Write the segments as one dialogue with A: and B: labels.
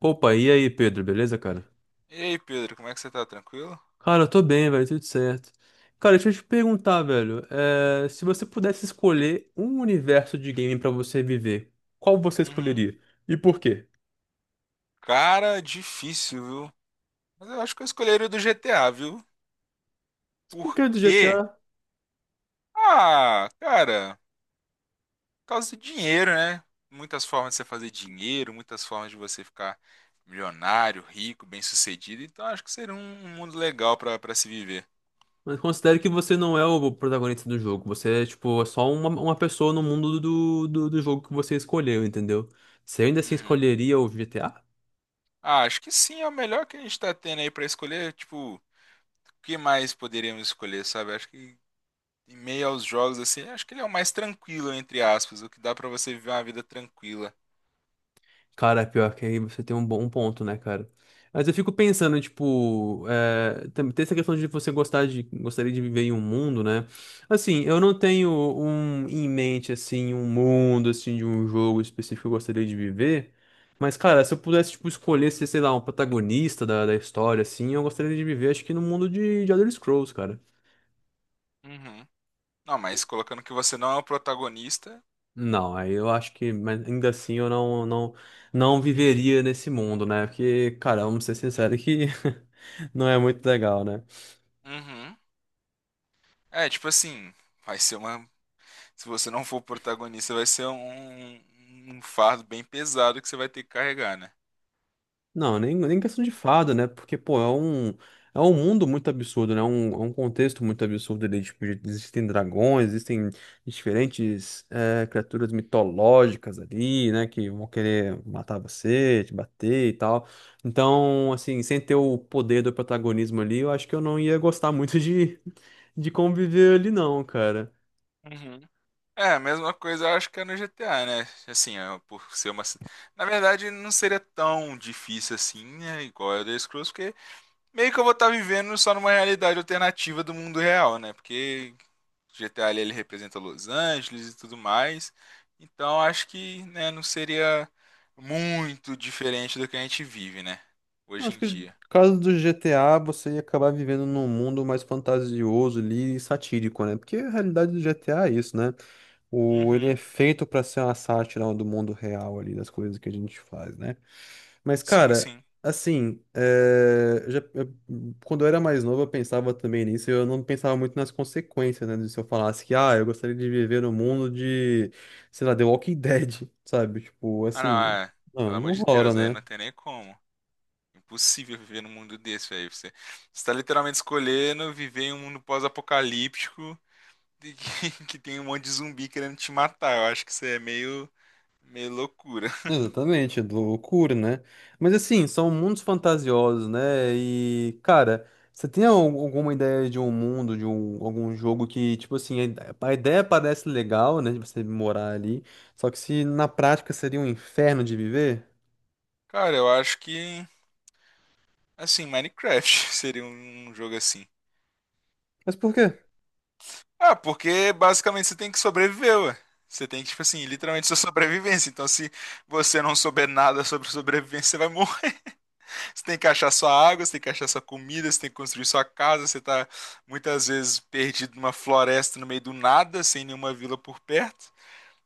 A: Opa, e aí, Pedro, beleza, cara?
B: E aí, Pedro, como é que você tá? Tranquilo?
A: Cara, eu tô bem, velho, tudo certo. Cara, deixa eu te perguntar, velho, se você pudesse escolher um universo de game pra você viver, qual você
B: Uhum.
A: escolheria? E por quê?
B: Cara, difícil, viu? Mas eu acho que eu escolheria o do GTA, viu? Por
A: Porque do GTA,
B: quê? Ah, cara, por causa do dinheiro, né? Muitas formas de você fazer dinheiro, muitas formas de você ficar milionário, rico, bem-sucedido. Então acho que seria um mundo legal pra para se viver.
A: mas considere que você não é o protagonista do jogo, você é, tipo, é só uma pessoa no mundo do jogo que você escolheu, entendeu? Você ainda assim
B: Uhum.
A: escolheria o GTA?
B: Ah, acho que sim, é o melhor que a gente tá tendo aí pra escolher. Tipo, o que mais poderíamos escolher, sabe? Acho que em meio aos jogos, assim, acho que ele é o mais tranquilo, entre aspas, o que dá pra você viver uma vida tranquila.
A: Cara, pior que aí você tem um bom ponto, né, cara? Mas eu fico pensando, tipo, tem essa questão de você gostaria de viver em um mundo, né? Assim, eu não tenho um em mente, assim, um mundo, assim, de um jogo específico que eu gostaria de viver. Mas, cara, se eu pudesse, tipo, escolher ser, sei lá, um protagonista da história, assim, eu gostaria de viver, acho que no mundo de Elder Scrolls, cara.
B: Uhum. Não, mas colocando que você não é o protagonista.
A: Não, aí eu acho que, mas ainda assim eu não viveria nesse mundo, né? Porque, cara, vamos ser sinceros que não é muito legal, né?
B: Uhum. É, tipo assim, vai ser uma. Se você não for o protagonista, vai ser um fardo bem pesado que você vai ter que carregar, né?
A: Não, nem questão de fada, né? Porque, pô, é um mundo muito absurdo, né? É um contexto muito absurdo ali. Tipo, existem dragões, existem diferentes criaturas mitológicas ali, né? Que vão querer matar você, te bater e tal. Então, assim, sem ter o poder do protagonismo ali, eu acho que eu não ia gostar muito de conviver ali, não, cara.
B: Uhum. É, a mesma coisa eu acho que é no GTA, né? Assim, é, por ser uma. Na verdade, não seria tão difícil assim, né? Igual a Elder Scrolls, porque meio que eu vou estar vivendo só numa realidade alternativa do mundo real, né? Porque GTA ali, ele representa Los Angeles e tudo mais. Então acho que, né, não seria muito diferente do que a gente vive, né? Hoje
A: Acho
B: em
A: que no
B: dia.
A: caso do GTA, você ia acabar vivendo num mundo mais fantasioso ali e satírico, né? Porque a realidade do GTA é isso, né? Ele
B: Uhum.
A: é feito pra ser uma sátira do mundo real ali, das coisas que a gente faz, né? Mas,
B: Sim,
A: cara,
B: sim.
A: assim, quando eu era mais novo, eu pensava também nisso, e eu não pensava muito nas consequências, né? de Se eu falasse que, ah, eu gostaria de viver no mundo de, sei lá, The Walking Dead, sabe? Tipo,
B: Ah, não,
A: assim,
B: é.
A: não,
B: Pelo amor
A: não
B: de
A: rola,
B: Deus, aí
A: né?
B: não tem nem como. Impossível viver num mundo desse, velho. Você está literalmente escolhendo viver em um mundo pós-apocalíptico de que, que tem um monte de zumbi querendo te matar. Eu acho que isso é meio, meio loucura.
A: Exatamente, do loucura, né? Mas assim, são mundos fantasiosos, né? E, cara, você tem alguma ideia de um mundo, algum jogo que, tipo assim, a ideia parece legal, né? De você morar ali, só que se na prática seria um inferno de viver?
B: Cara, eu acho que, assim, Minecraft seria um jogo assim.
A: Mas por quê?
B: Ah, porque basicamente você tem que sobreviver, ué. Você tem que, tipo assim, literalmente sua sobrevivência. Então, se você não souber nada sobre sobrevivência, você vai morrer. Você tem que achar sua água, você tem que achar sua comida, você tem que construir sua casa. Você tá muitas vezes perdido numa floresta no meio do nada, sem nenhuma vila por perto.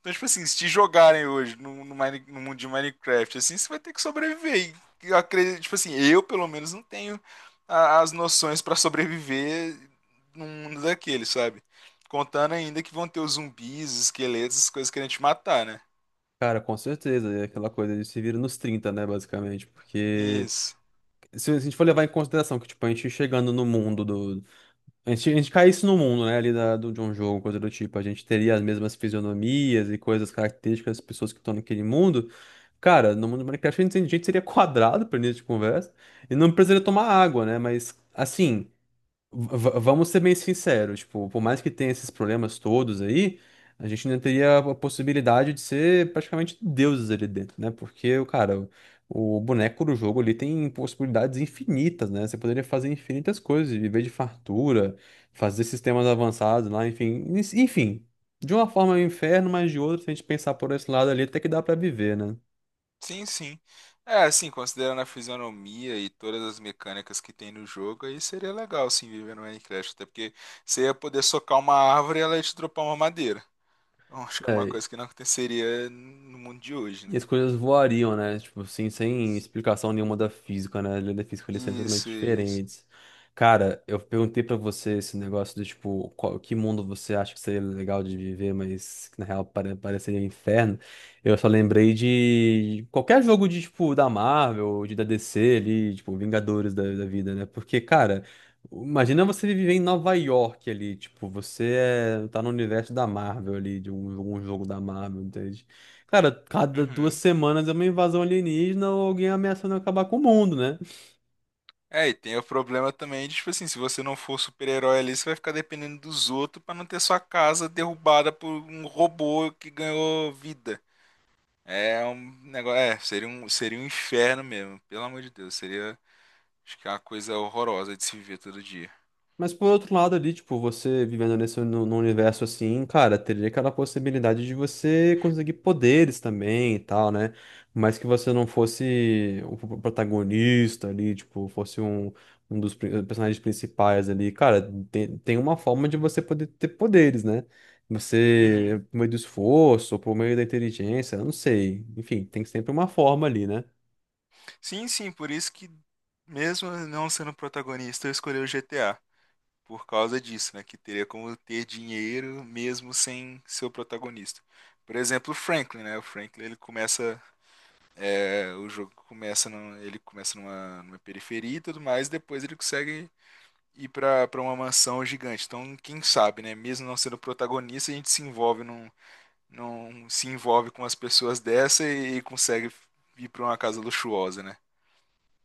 B: Então, tipo assim, se te jogarem hoje no mundo de Minecraft, assim, você vai ter que sobreviver. E eu acredito, tipo assim, eu pelo menos não tenho as noções pra sobreviver num mundo daquele, sabe? Contando ainda que vão ter os zumbis, os esqueletos, as coisas querendo te matar, né?
A: Cara, com certeza, é aquela coisa de se vira nos trinta, né, basicamente, porque
B: Isso.
A: se a gente for levar em consideração que, tipo, a gente chegando no mundo do. A gente cai isso no mundo, né? Ali de um jogo, coisa do tipo. A gente teria as mesmas fisionomias e coisas características das pessoas que estão naquele mundo. Cara, no mundo do Minecraft a gente seria quadrado para início de conversa. E não precisaria tomar água, né? Mas, assim, vamos ser bem sinceros, tipo, por mais que tenha esses problemas todos aí, a gente ainda teria a possibilidade de ser praticamente deuses ali dentro, né? Porque, o cara, o boneco do jogo ali tem possibilidades infinitas, né? Você poderia fazer infinitas coisas, viver de fartura, fazer sistemas avançados lá, enfim. Enfim, de uma forma é um inferno, mas de outra, se a gente pensar por esse lado ali, até que dá pra viver, né?
B: Sim, sim. É, assim, considerando a fisionomia e todas as mecânicas que tem no jogo, aí seria legal, sim, viver no Minecraft. Até porque você ia poder socar uma árvore e ela ia te dropar uma madeira. Bom, acho que uma coisa que não aconteceria no mundo de hoje,
A: E
B: né?
A: as coisas voariam, né? Tipo, assim, sem explicação nenhuma da física, né? A lei da física, eles são totalmente
B: Isso, isso.
A: diferentes. Cara, eu perguntei pra você esse negócio do tipo, qual, que mundo você acha que seria legal de viver, mas que na real pareceria um inferno. Eu só lembrei de qualquer jogo de, tipo, da Marvel, de da DC ali, tipo, Vingadores da vida, né? Porque, cara, imagina você viver em Nova York ali, tipo, você tá no universo da Marvel ali, de um jogo da Marvel, entende? Cara, cada duas
B: Uhum.
A: semanas é uma invasão alienígena ou alguém ameaçando acabar com o mundo, né?
B: É, e tem o problema também de, tipo assim, se você não for super-herói ali, você vai ficar dependendo dos outros pra não ter sua casa derrubada por um robô que ganhou vida. É um negócio, é, seria um inferno mesmo, pelo amor de Deus, seria, acho que é uma coisa horrorosa de se viver todo dia.
A: Mas por outro lado ali, tipo, você vivendo nesse no num universo assim, cara, teria aquela possibilidade de você conseguir poderes também e tal, né? Mas que você não fosse o protagonista ali, tipo, fosse um dos personagens principais ali. Cara, tem uma forma de você poder ter poderes, né?
B: Uhum.
A: Você, por meio do esforço, por meio da inteligência, eu não sei. Enfim, tem sempre uma forma ali, né?
B: Sim, sim, por isso que mesmo não sendo protagonista, eu escolhi o GTA. Por causa disso, né? Que teria como ter dinheiro mesmo sem ser o protagonista. Por exemplo, o Franklin, né? O Franklin ele começa, é, o jogo começa, ele começa numa periferia e tudo mais, e depois ele consegue ir para uma mansão gigante. Então, quem sabe, né? Mesmo não sendo protagonista, a gente se envolve num, num se envolve com as pessoas dessa e consegue ir para uma casa luxuosa, né?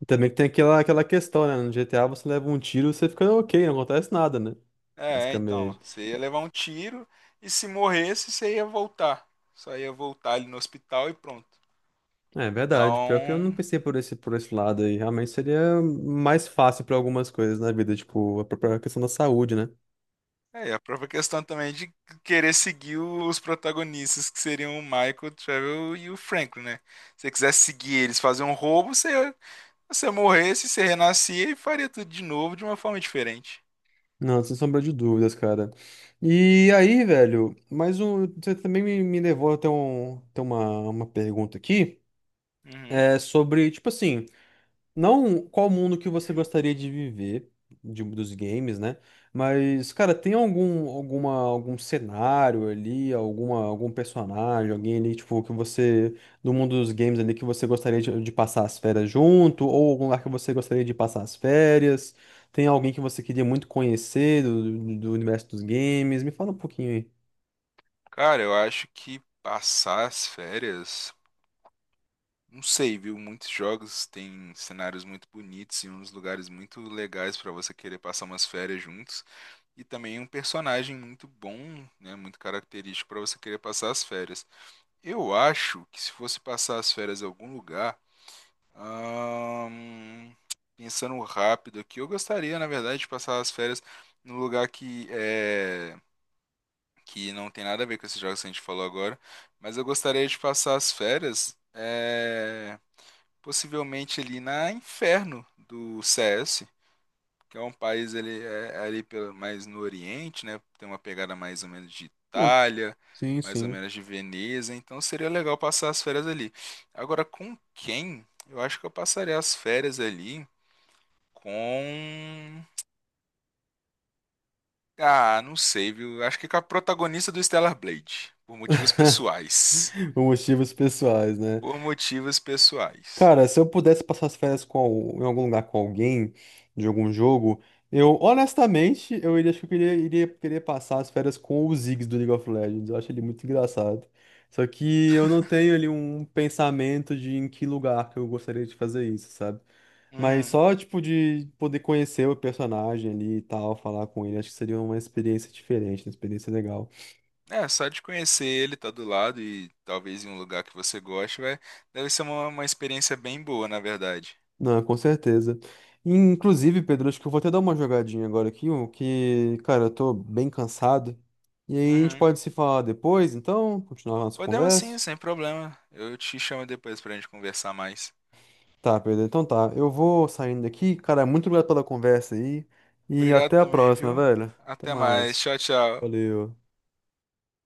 A: E também que tem aquela questão, né? No GTA você leva um tiro, você fica ok, não acontece nada, né?
B: É, então,
A: Basicamente.
B: você ia levar um tiro e se morresse, você ia voltar. Só ia voltar ali no hospital e pronto.
A: É verdade. Pior que eu não
B: Então,
A: pensei por esse lado aí. Realmente seria mais fácil para algumas coisas na vida, tipo a própria questão da saúde, né?
B: é a própria questão também de querer seguir os protagonistas, que seriam o Michael, o Trevor e o Franklin, né? Se você quisesse seguir eles, fazer um roubo, você morresse, você renascia e faria tudo de novo de uma forma diferente.
A: Não, sem sombra de dúvidas, cara. E aí, velho, mais um. Você também me levou até ter uma pergunta aqui.
B: Uhum.
A: É sobre, tipo assim. Não, qual mundo que você gostaria de viver dos games, né? Mas, cara, tem algum cenário ali, algum personagem, alguém ali, tipo, que você, do mundo dos games ali, que você gostaria de passar as férias junto, ou algum lugar que você gostaria de passar as férias? Tem alguém que você queria muito conhecer do universo dos games? Me fala um pouquinho aí.
B: Cara, eu acho que passar as férias. Não sei, viu? Muitos jogos têm cenários muito bonitos e uns lugares muito legais para você querer passar umas férias juntos. E também um personagem muito bom, né? Muito característico para você querer passar as férias. Eu acho que se fosse passar as férias em algum lugar, ahn, pensando rápido aqui, eu gostaria, na verdade, de passar as férias num lugar que não tem nada a ver com esses jogos que a gente falou agora, mas eu gostaria de passar as férias. É, possivelmente ali na Inferno do CS, que é um país, ele é ali pelo, mais no Oriente, né? Tem uma pegada mais ou menos de
A: Ah,
B: Itália,
A: sim,
B: mais ou
A: sim.
B: menos de Veneza, então seria legal passar as férias ali. Agora com quem? Eu acho que eu passaria as férias ali com... ah, não sei, viu? Acho que com a protagonista do Stellar Blade, por motivos pessoais.
A: Por motivos pessoais, né?
B: Por motivos pessoais.
A: Cara, se eu pudesse passar as férias em algum lugar com alguém, de algum jogo, eu honestamente, eu iria, acho que eu queria, iria querer passar as férias com o Ziggs do League of Legends. Eu acho ele muito engraçado. Só que eu não tenho ali um pensamento de em que lugar que eu gostaria de fazer isso, sabe? Mas
B: Uhum.
A: só, tipo, de poder conhecer o personagem ali e tal, falar com ele, acho que seria uma experiência diferente, uma experiência legal.
B: É, só de conhecer ele, tá do lado e talvez em um lugar que você goste, vai, deve ser uma experiência bem boa, na verdade.
A: Não, com certeza. Inclusive, Pedro, acho que eu vou até dar uma jogadinha agora aqui, o que, cara, eu tô bem cansado. E aí a gente
B: Uhum.
A: pode se falar depois, então, continuar a nossa
B: Podemos sim,
A: conversa.
B: sem problema. Eu te chamo depois pra gente conversar mais.
A: Tá, Pedro, então tá. Eu vou saindo aqui. Cara, muito obrigado pela conversa aí. E
B: Obrigado
A: até a
B: também,
A: próxima,
B: viu?
A: velho. Até
B: Até mais.
A: mais.
B: Tchau, tchau.
A: Valeu.